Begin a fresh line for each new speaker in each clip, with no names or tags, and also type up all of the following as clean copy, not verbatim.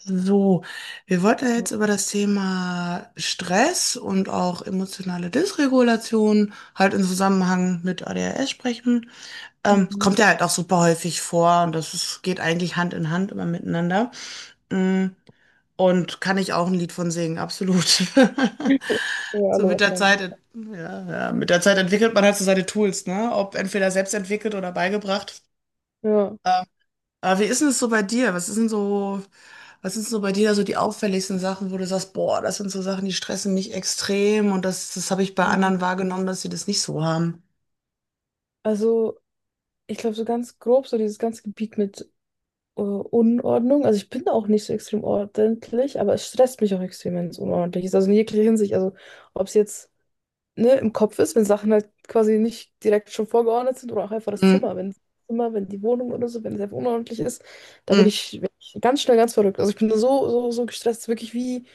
So, wir wollten ja jetzt über das Thema Stress und auch emotionale Dysregulation halt im Zusammenhang mit ADHS sprechen. Es
Mhm.
kommt ja halt auch super häufig vor und geht eigentlich Hand in Hand immer miteinander. Mm, Und kann ich auch ein Lied von singen, absolut.
Ja,
So
alle
mit der
wahrscheinlich.
Zeit, ja, ja, mit der Zeit entwickelt man halt so seine Tools, ne? Ob entweder selbst entwickelt oder beigebracht.
Ja.
Ähm, aber wie ist denn es so bei dir? Was ist denn so, was sind so bei dir da so die auffälligsten Sachen, wo du sagst, boah, das sind so Sachen, die stressen mich extrem und das habe ich bei
Mhm.
anderen wahrgenommen, dass sie das nicht so haben.
Also, ich glaube, so ganz grob, so dieses ganze Gebiet mit Unordnung. Also, ich bin auch nicht so extrem ordentlich, aber es stresst mich auch extrem, wenn es unordentlich ist. Also, in jeglicher Hinsicht. Also, ob es jetzt ne, im Kopf ist, wenn Sachen halt quasi nicht direkt schon vorgeordnet sind oder auch einfach das
Mm,
Zimmer, wenn die Wohnung oder so, wenn es einfach unordentlich ist, da bin
mm,
ich, bin ich ganz schnell ganz verrückt. Also ich bin da so gestresst, wirklich wie,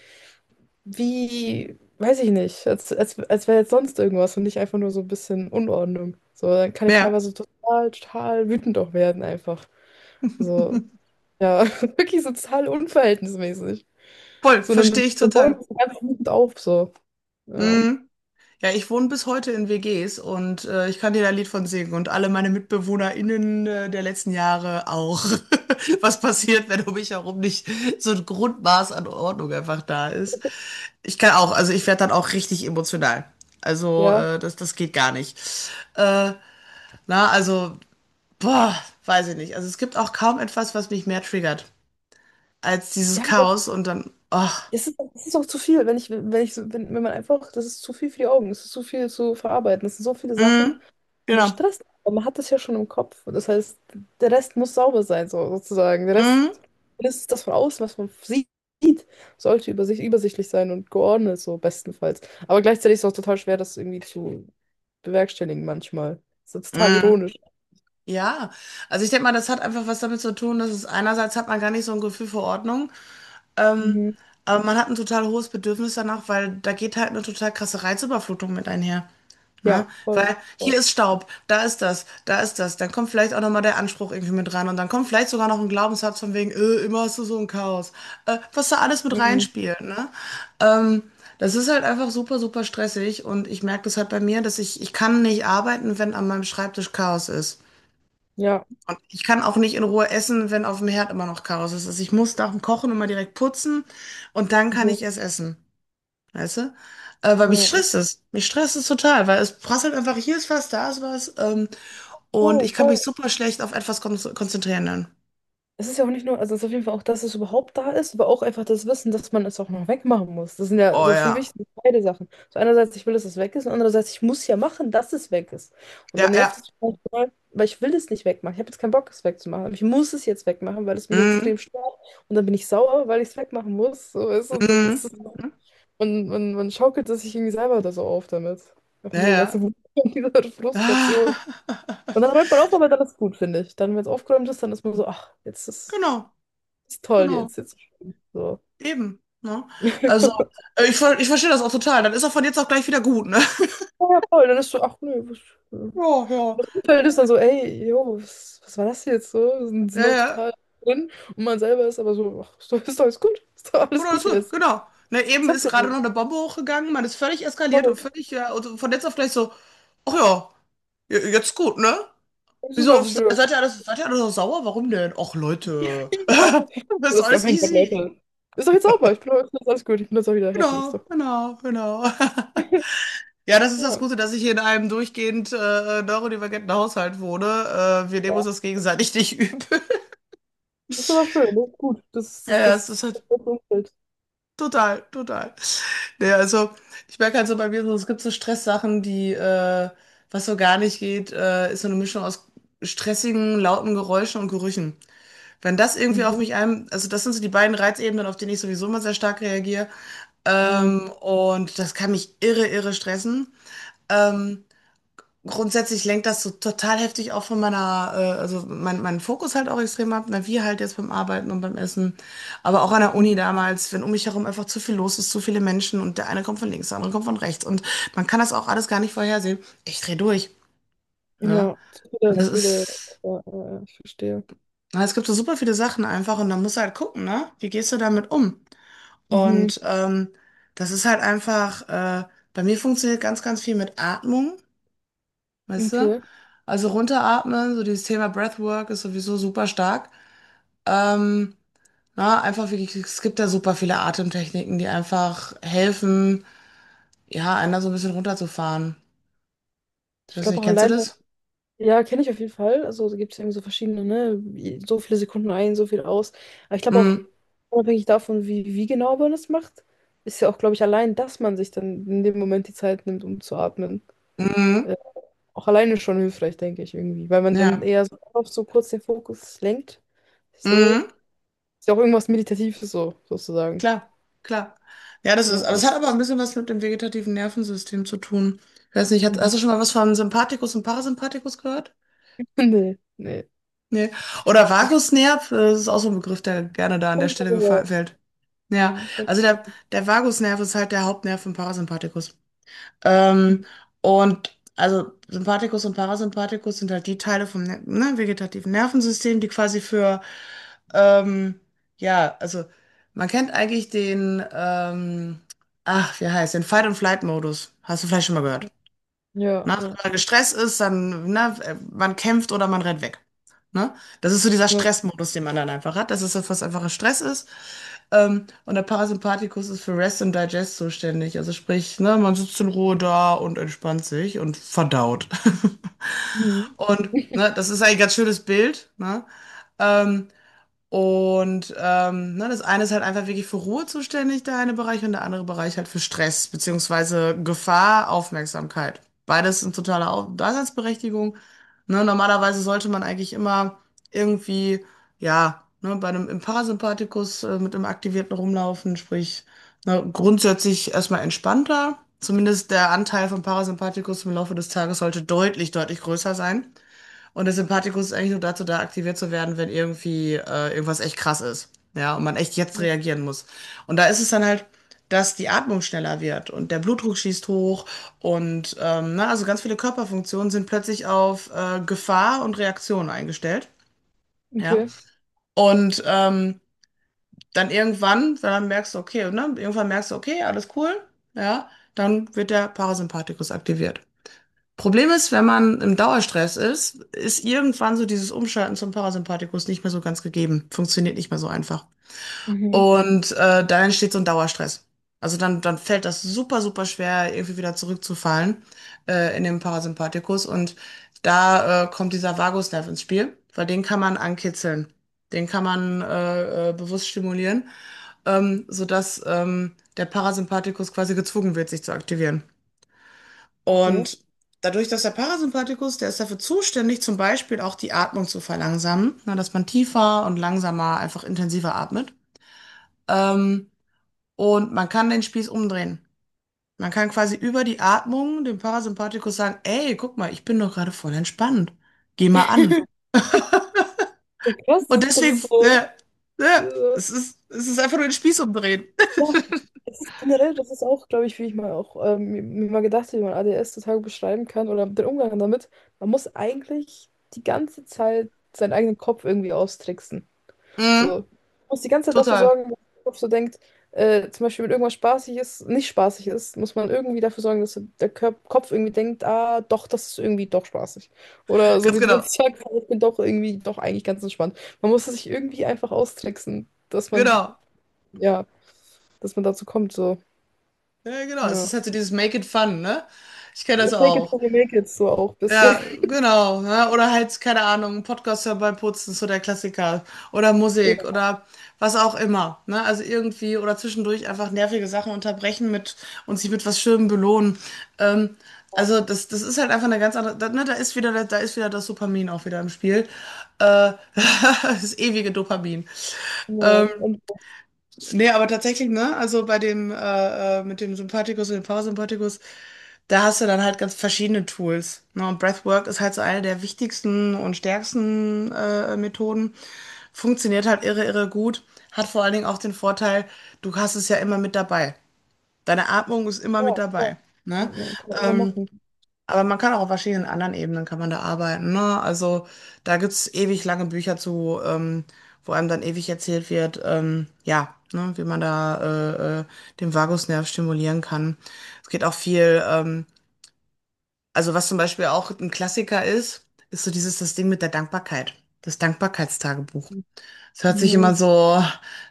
weiß ich nicht, als wäre jetzt sonst irgendwas und nicht einfach nur so ein bisschen Unordnung. So, dann kann ich
ja.
teilweise total, total wütend auch werden einfach. Also, ja, wirklich so total unverhältnismäßig.
Voll,
So, dann,
verstehe ich
dann bauen wir
total.
das ganz wütend auf, so. Ja.
Mm. Ja, ich wohne bis heute in WGs und ich kann dir da ein Lied von singen und alle meine MitbewohnerInnen der letzten Jahre auch. Was passiert, wenn um mich herum nicht so ein Grundmaß an Ordnung einfach da ist? Ich kann auch, also ich werde dann auch richtig emotional. Also
Ja.
das geht gar nicht. Äh, na, also, boah, weiß ich nicht. Also es gibt auch kaum etwas, was mich mehr triggert als dieses
Ja, aber
Chaos und dann, ach,
es ist auch zu viel, wenn ich, wenn ich, so- wenn, wenn man einfach, das ist zu viel für die Augen, es ist zu viel zu verarbeiten, es sind so viele Sachen
mm,
und es
genau,
stresst, aber man hat das ja schon im Kopf. Und das heißt, der Rest muss sauber sein, so, sozusagen. Der Rest,
mm,
das ist das von außen, was man sieht, sollte übersichtlich sein und geordnet, so bestenfalls. Aber gleichzeitig ist es auch total schwer, das irgendwie zu bewerkstelligen manchmal. Das ist total
mm.
ironisch.
Ja, also ich denke mal, das hat einfach was damit zu tun, dass es einerseits hat man gar nicht so ein Gefühl für Ordnung,
Mhm.
aber man hat ein total hohes Bedürfnis danach, weil da geht halt eine total krasse Reizüberflutung mit einher. Ne?
Ja, voll,
Weil
voll.
hier ist Staub, da ist das, dann kommt vielleicht auch nochmal der Anspruch irgendwie mit rein und dann kommt vielleicht sogar noch ein Glaubenssatz von wegen, immer hast du so ein Chaos, was da alles mit
Mhm.
reinspielt. Ne? Ähm, Das ist halt einfach super, super stressig und ich merke das halt bei mir, dass ich kann nicht arbeiten, wenn an meinem Schreibtisch Chaos ist.
Ja,
Und ich kann auch nicht in Ruhe essen, wenn auf dem Herd immer noch Chaos ist. Also ich muss nach dem Kochen immer direkt putzen und dann kann
ja,
ich erst essen. Weißt du? Weil mich
ja.
stresst es. Mich stresst es total, weil es prasselt einfach, hier ist was, da ist was. Und ich
Oh,
kann
voll.
mich super schlecht auf etwas konzentrieren dann.
Es ist ja auch nicht nur, also es ist auf jeden Fall auch, dass es überhaupt da ist, aber auch einfach das Wissen, dass man es auch noch wegmachen muss. Das sind ja
Oh
so für mich
ja.
sind beide Sachen. So einerseits, ich will, dass es weg ist und andererseits, ich muss ja machen, dass es weg ist. Und dann
Ja,
nervt
ja.
es mich manchmal, weil ich will es nicht wegmachen. Ich habe jetzt keinen Bock, es wegzumachen. Aber ich muss es jetzt wegmachen, weil es mich extrem
Mhm.
stört. Und dann bin ich sauer, weil ich es wegmachen muss. So ist, und dann ist
Mhm.
es,
Mhm.
man schaukelt es sich irgendwie selber da so auf damit. Einfach
Ja,
diese ganze
ja.
Wut und diese Frustration. Und dann räumt man auf, aber dann ist gut, finde ich. Dann, wenn es aufgeräumt ist, dann ist man so, ach, jetzt ist
Genau,
ist toll
genau.
jetzt, jetzt. So.
Eben. Ne? Also, ich verstehe das auch total. Dann ist auch von jetzt auf gleich wieder gut, ne?
Ja, voll. Dann ist so, ach nö, was, und
Ja, ja.
das Umfeld ist dann so, ey, jo, was, war das jetzt so? Sind
Ja,
noch
ja.
total drin und man selber ist aber so, ach, ist doch alles gut, ist doch alles
Oder
gut
so,
jetzt.
genau. Ne,
Ich
eben
hab
ist gerade
den.
noch eine Bombe hochgegangen, man ist völlig eskaliert und
Voll.
völlig, ja, also von jetzt auf gleich so, ach ja, jetzt gut, ne?
Das ist
Wieso,
alles für.
seid ihr alles, seid ihr alle so sauer? Warum denn? Ach Leute,
Ja.
das ist
Das ist, oh
alles
mein Gott,
easy.
Leute. Ist doch jetzt sauber, ich bin doch, ist doch alles gut, ich bin jetzt auch wieder happy, ist
Genau,
doch.
genau, genau. Ja, das ist das
Ja.
Gute, dass ich hier in einem durchgehend neurodivergenten Haushalt wohne. Wir nehmen
Ja.
uns das gegenseitig nicht übel.
Das ist aber schön, das gut. Das,
Ja,
das,
ja,
das,
es ist
das,
halt
das Umfeld.
total, total. Nee, also ich merke halt so bei mir so, es gibt so Stresssachen, was so gar nicht geht, ist so eine Mischung aus stressigen, lauten Geräuschen und Gerüchen. Wenn das irgendwie auf
Mhm.
also das sind so die beiden Reizebenen, auf denen ich sowieso immer sehr stark reagiere. Und das kann mich irre, irre stressen. Ähm, Grundsätzlich lenkt das so total heftig auch von meiner, meinen Fokus halt auch extrem ab, na, wie halt jetzt beim Arbeiten und beim Essen, aber auch an der
Mhm.
Uni damals, wenn um mich herum einfach zu viel los ist, zu viele Menschen und der eine kommt von links, der andere kommt von rechts und man kann das auch alles gar nicht vorhersehen. Ich dreh durch, ne?
Ja, zu
Und
viele,
das
zu viele.
ist,
Ja, ja, ja, ich verstehe.
na, es gibt so super viele Sachen einfach und dann musst du halt gucken, ne? Wie gehst du damit um?
Mhm.
Und das ist halt einfach, bei mir funktioniert ganz, ganz viel mit Atmung. Weißt du?
Okay.
Also runteratmen, so dieses Thema Breathwork ist sowieso super stark. Ähm, na, einfach wirklich, es gibt da super viele Atemtechniken, die einfach helfen, ja, einer so ein bisschen runterzufahren. Ich
Ich
weiß
glaube
nicht,
auch
kennst du
alleine,
das?
ja, kenne ich auf jeden Fall. Also da gibt es irgendwie so verschiedene, ne? So viele Sekunden ein, so viel aus. Aber ich glaube auch,
Mhm.
unabhängig davon, wie genau man es macht, ist ja auch, glaube ich, allein, dass man sich dann in dem Moment die Zeit nimmt, um zu atmen.
Mhm.
Äh, Auch alleine schon hilfreich, denke ich irgendwie. Weil man dann
Ja.
eher so, auf so kurz den Fokus lenkt. So.
Mhm.
Ist ja auch irgendwas Meditatives so, sozusagen.
Klar, klar. Ja, das ist,
Ja,
aber es
ja.
hat aber ein bisschen was mit dem vegetativen Nervensystem zu tun. Ich weiß nicht,
Mhm.
hast du schon mal was von Sympathikus und Parasympathikus gehört?
Nee, nee.
Nee. Oder Vagusnerv, das ist auch so ein Begriff, der gerne da an
Hab
der
ich mal
Stelle gefallen
gehört.
fällt. Ja,
Ja, das hab ich
also
mal
der,
gehört.
der Vagusnerv ist halt der Hauptnerv im Parasympathikus. Ähm,
Mhm.
und also Sympathikus und Parasympathikus sind halt die Teile vom vegetativen Nervensystem, die quasi für, ähm, ja, also man kennt eigentlich den, den Fight-and-Flight-Modus. Hast du vielleicht schon mal gehört.
Ja.
Ne? Also
Ja.
wenn man gestresst ist, dann, ne, man kämpft oder man rennt weg. Ne? Das ist so dieser
Ja.
Stressmodus, den man dann einfach hat. Das ist das, was einfacher Stress ist. Und der Parasympathikus ist für Rest and Digest zuständig. Also sprich, ne, man sitzt in Ruhe da und entspannt sich und verdaut.
Mhm.
Und ne, das ist ein ganz schönes Bild. Ne? Ähm, ne, das eine ist halt einfach wirklich für Ruhe zuständig, der eine Bereich, und der andere Bereich halt für Stress, beziehungsweise Gefahr, Aufmerksamkeit. Beides sind totale Daseinsberechtigung. Ne, normalerweise sollte man eigentlich immer irgendwie, ja, ne, bei einem im Parasympathikus mit einem aktivierten rumlaufen, sprich, ne, grundsätzlich erstmal entspannter. Zumindest der Anteil vom Parasympathikus im Laufe des Tages sollte deutlich, deutlich größer sein. Und der Sympathikus ist eigentlich nur dazu da, aktiviert zu werden, wenn irgendwie irgendwas echt krass ist. Ja, und man echt jetzt reagieren muss. Und da ist es dann halt, dass die Atmung schneller wird und der Blutdruck schießt hoch und na, also ganz viele Körperfunktionen sind plötzlich auf Gefahr und Reaktion eingestellt. Ja.
Okay.
Und dann irgendwann, wenn dann merkst du, okay, ne, irgendwann merkst du, okay, alles cool, ja, dann wird der Parasympathikus aktiviert. Problem ist, wenn man im Dauerstress ist, ist irgendwann so dieses Umschalten zum Parasympathikus nicht mehr so ganz gegeben. Funktioniert nicht mehr so einfach.
Mhm.
Und da entsteht so ein Dauerstress. Also dann, dann fällt das super, super schwer, irgendwie wieder zurückzufallen in den Parasympathikus. Und da kommt dieser Vagusnerv ins Spiel, weil den kann man ankitzeln. Den kann man bewusst stimulieren, sodass der Parasympathikus quasi gezwungen wird, sich zu aktivieren.
Okay.
Und dadurch, dass der Parasympathikus, der ist dafür zuständig, zum Beispiel auch die Atmung zu verlangsamen, ne, dass man tiefer und langsamer, einfach intensiver atmet. Ähm, und man kann den Spieß umdrehen. Man kann quasi über die Atmung dem Parasympathikus sagen, ey, guck mal, ich bin doch gerade voll entspannt. Geh mal an.
Ja, krass,
Und
das ist, das
deswegen,
ist so.
äh,
Äh,
es ist einfach nur den Spieß umdrehen.
ja, es ist generell, das ist auch, glaube ich, wie ich mal auch mir mal gedacht habe, wie man ADS total beschreiben kann oder den Umgang damit. Man muss eigentlich die ganze Zeit seinen eigenen Kopf irgendwie austricksen.
Mhm,
So. Du musst die ganze Zeit dafür sorgen,
total.
dass der Kopf so denkt, zum Beispiel, wenn irgendwas spaßig ist, nicht spaßig ist, muss man irgendwie dafür sorgen, dass der Kopf irgendwie denkt, ah, doch, das ist irgendwie doch spaßig. Oder so
Ganz
wie du
genau.
jetzt sagst, ich bin doch irgendwie doch eigentlich ganz entspannt. Man muss es sich irgendwie einfach austricksen,
Genau.
ja, dass man dazu kommt, so.
Ja, genau. Es ist
Ja.
halt so dieses Make it fun, ne? Ich kenne
Ja,
das
Fake it
auch.
till you make it, so auch ein bisschen.
Ja, genau. Ne? Oder halt, keine Ahnung, ein Podcast hören beim Putzen, so der Klassiker. Oder Musik oder was auch immer. Ne? Also irgendwie oder zwischendurch einfach nervige Sachen unterbrechen mit und sich mit was Schönem belohnen. Ähm, also das ist halt einfach eine ganz andere. Da, ne, da ist wieder das Dopamin auch wieder im Spiel. Äh, Das ewige Dopamin.
Ja, ja.
Ähm,
Und,
Nee, aber tatsächlich, ne? Also bei dem, mit dem Sympathikus und dem Parasympathikus, da hast du dann halt ganz verschiedene Tools. Ne? Und Breathwork ist halt so eine der wichtigsten und stärksten Methoden. Funktioniert halt irre, irre gut. Hat vor allen Dingen auch den Vorteil, du hast es ja immer mit dabei. Deine Atmung ist immer mit
ja, ja.
dabei. Ne?
Ja, kann man immer
Ähm,
machen.
aber man kann auch auf verschiedenen anderen Ebenen kann man da arbeiten, ne? Also da gibt's ewig lange Bücher zu, wo einem dann ewig erzählt wird, ja, ne, wie man da den Vagusnerv stimulieren kann. Es geht auch viel, also was zum Beispiel auch ein Klassiker ist, ist so dieses das Ding mit der Dankbarkeit, das Dankbarkeitstagebuch.
Mhm.
Es hört sich immer so,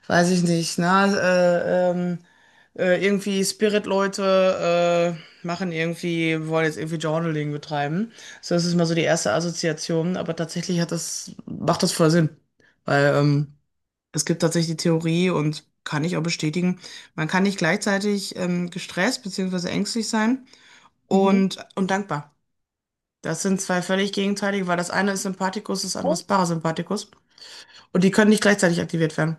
weiß ich nicht, irgendwie Spirit-Leute wollen jetzt irgendwie Journaling betreiben. So, das ist mal so die erste Assoziation, aber tatsächlich hat das, macht das voll Sinn. Weil es gibt tatsächlich die Theorie und kann ich auch bestätigen, man kann nicht gleichzeitig gestresst beziehungsweise ängstlich sein
Mhm.
und dankbar. Das sind zwei völlig gegenteilige, weil das eine ist Sympathikus, das andere
Ja.
ist Parasympathikus. Und die können nicht gleichzeitig aktiviert werden.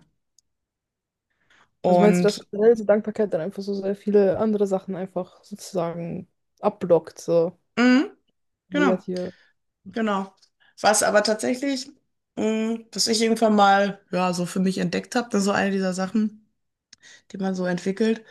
Also meinst du, dass
Und,
generell so Dankbarkeit dann einfach so sehr viele andere Sachen einfach sozusagen abblockt, so
mh, genau.
negative?
Genau. Was aber tatsächlich, mh, was ich irgendwann mal, ja, so für mich entdeckt habe, das ist so eine dieser Sachen, die man so entwickelt.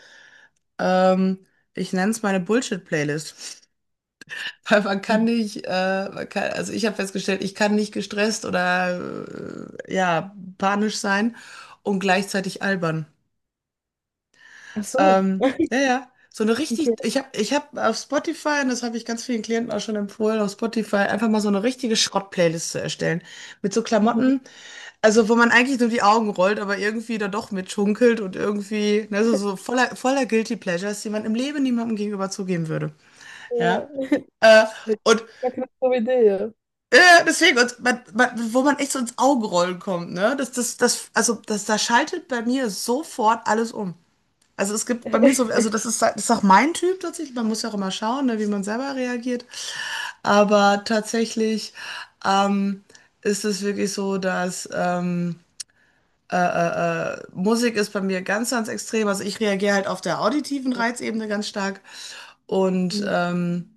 Ähm, Ich nenne es meine Bullshit-Playlist. Weil man
Mhm.
kann nicht, man kann, also ich habe festgestellt, ich kann nicht gestresst oder ja, panisch sein und gleichzeitig albern.
Ach so,
Ähm, ja, ja. So eine
okay.
richtig, ich hab auf Spotify, und das habe ich ganz vielen Klienten auch schon empfohlen, auf Spotify einfach mal so eine richtige Schrott-Playlist zu erstellen. Mit so
Mhm.
Klamotten. Also, wo man eigentlich nur die Augen rollt, aber irgendwie dann doch mitschunkelt und irgendwie, ne, so, so voller, voller Guilty Pleasures, die man im Leben niemandem gegenüber zugeben würde.
Ja,
Ja. Äh, und
Ja, keine dumme Idee, ja.
äh, deswegen, und man, wo man echt so ins Augenrollen kommt, ne? Da schaltet bei mir sofort alles um. Also es gibt bei mir so, also das ist auch mein Typ tatsächlich. Man muss ja auch immer schauen, ne, wie man selber reagiert. Aber tatsächlich ähm, ist es wirklich so, dass Musik ist bei mir ganz, ganz extrem. Also ich reagiere halt auf der auditiven Reizebene ganz stark. Und
Ja,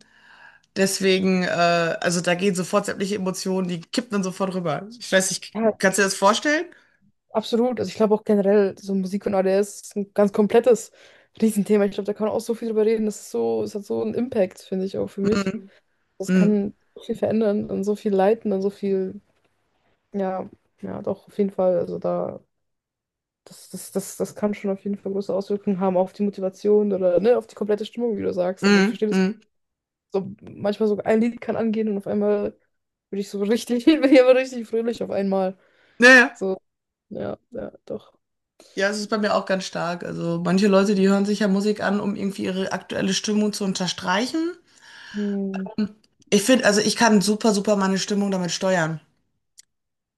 deswegen, äh, also da gehen sofort sämtliche Emotionen, die kippen dann sofort rüber. Ich weiß nicht,
ja,
kannst du dir das vorstellen?
absolut. Also ich glaube auch generell, so Musik und ADS ist ein ganz komplettes Riesenthema. Ich glaube, da kann man auch so viel drüber reden. Das ist so, es hat so einen Impact, finde ich, auch für mich.
Mhm.
Das
Mhm.
kann so viel verändern und so viel leiten und so viel, ja, ja, doch, auf jeden Fall. Also da Das, das, das, das kann schon auf jeden Fall große Auswirkungen haben auf die Motivation oder ne, auf die komplette Stimmung, wie du sagst. Also ich
Mhm.
verstehe das
Mhm.
so, manchmal so ein Lied kann angehen und auf einmal bin ich so richtig, bin ich aber richtig fröhlich auf einmal.
Naja. Ja,
So, ja, ja, doch.
ja, es ist bei mir auch ganz stark. Also manche Leute, die hören sich ja Musik an, um irgendwie ihre aktuelle Stimmung zu unterstreichen.
Hm.
Ich finde, also ich kann super, super meine Stimmung damit steuern.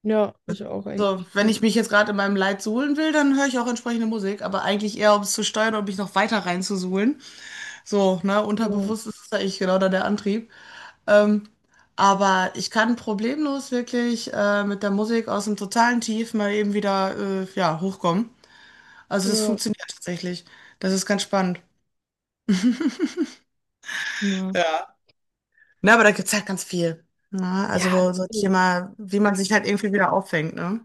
Ja, ich auch
Also,
eigentlich.
wenn
Ja.
ich mich jetzt gerade in meinem Leid suhlen will, dann höre ich auch entsprechende Musik, aber eigentlich eher, um es zu steuern und mich noch weiter reinzusuhlen. So, ne,
Ja,
unterbewusst ist das eigentlich genau da der Antrieb. Ähm, aber ich kann problemlos wirklich mit der Musik aus dem totalen Tief mal eben wieder ja, hochkommen. Also das
ja,
funktioniert tatsächlich. Das ist ganz spannend.
ja.
Ja. Ne, aber da gibt es halt ganz viel. Ne?
Ja,
Also so Thema, wie man sich halt irgendwie wieder auffängt, ne?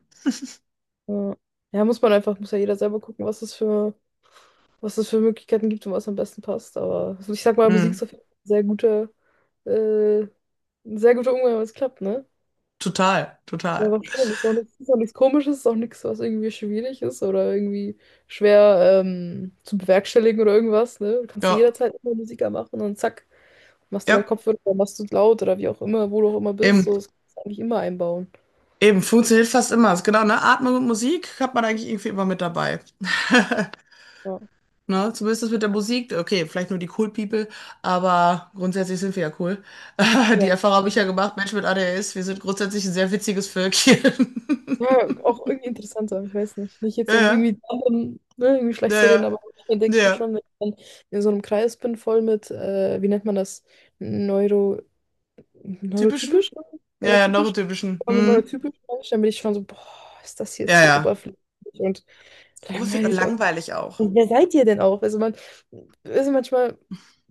ja, ja, muss ja jeder selber gucken, was es für, Möglichkeiten gibt und was am besten passt. Aber also ich sag mal, Musik
Hm,
ist auf jeden Fall äh, ein sehr guter Umgang, wenn es klappt, ne?
total,
Ja,
total.
war schön. Ist auch nichts Komisches, ist auch nichts, was irgendwie schwierig ist oder irgendwie schwer zu bewerkstelligen oder irgendwas. Ne? Du kannst
Ja,
jederzeit immer Musiker machen und zack, machst dir deinen
ja,
Kopfhörer oder machst du es laut oder wie auch immer, wo du auch immer bist.
eben.
So, das kannst du eigentlich immer einbauen.
Eben, funktioniert fast immer. Ist genau, ne? Atmung und Musik hat man eigentlich irgendwie immer mit dabei.
Ja,
Ne? Zumindest das mit der Musik. Okay, vielleicht nur die Cool People, aber grundsätzlich sind wir ja cool. Die
ja,
Erfahrung habe ich
echt.
ja gemacht, Mensch mit ADHS, wir sind grundsätzlich ein sehr witziges Völkchen.
Ja, auch irgendwie interessanter, ich weiß nicht. Nicht jetzt, um
Ja,
irgendwie, anderen, ne, irgendwie
ja,
schlecht zu
ja,
reden,
ja.
aber dann denke
Ja,
ich mir
ja.
schon, wenn ich dann in so einem Kreis bin, voll mit, wie nennt man das? Neuro,
Typischen?
Neurotypisch? Ne?
Ja, ja,
Neurotypisch?
neurotypischen.
Wenn man nur
Hm.
typisch Mensch, dann bin ich schon so, boah, ist das jetzt
Ja,
hier
ja.
oberflächlich und
Unfähig und
langweilig.
langweilig auch.
Und wer seid ihr denn auch? Also manchmal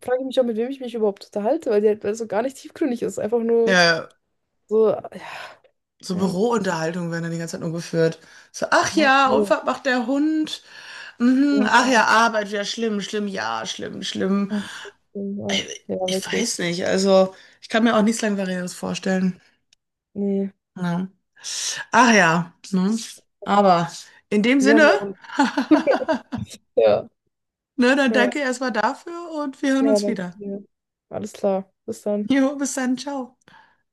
frage ich mich auch, mit wem ich mich überhaupt unterhalte, weil die halt, weil es so gar nicht tiefgründig ist. Einfach
Ja,
nur
ja.
so, ja,
So
ja.
Bürounterhaltungen werden dann die ganze Zeit nur geführt. So, ach
Ja,
ja,
cool.
Unfall macht der Hund. Mhm, ach ja,
Ja,
Arbeit, ja, schlimm, schlimm, ja, schlimm, schlimm.
oh, shit, oh,
Äh,
ja,
Ich
wirklich.
weiß nicht, also ich kann mir auch nichts Langweiliges vorstellen.
Nee.
Ja. Ach ja, ne? Aber in dem
Wir
Sinne,
haben ja auch. Ja,
ne, dann
ja,
danke erstmal dafür und wir hören
ja,
uns
danke
wieder.
dir. Alles klar. Bis dann.
Jo, bis dann, ciao.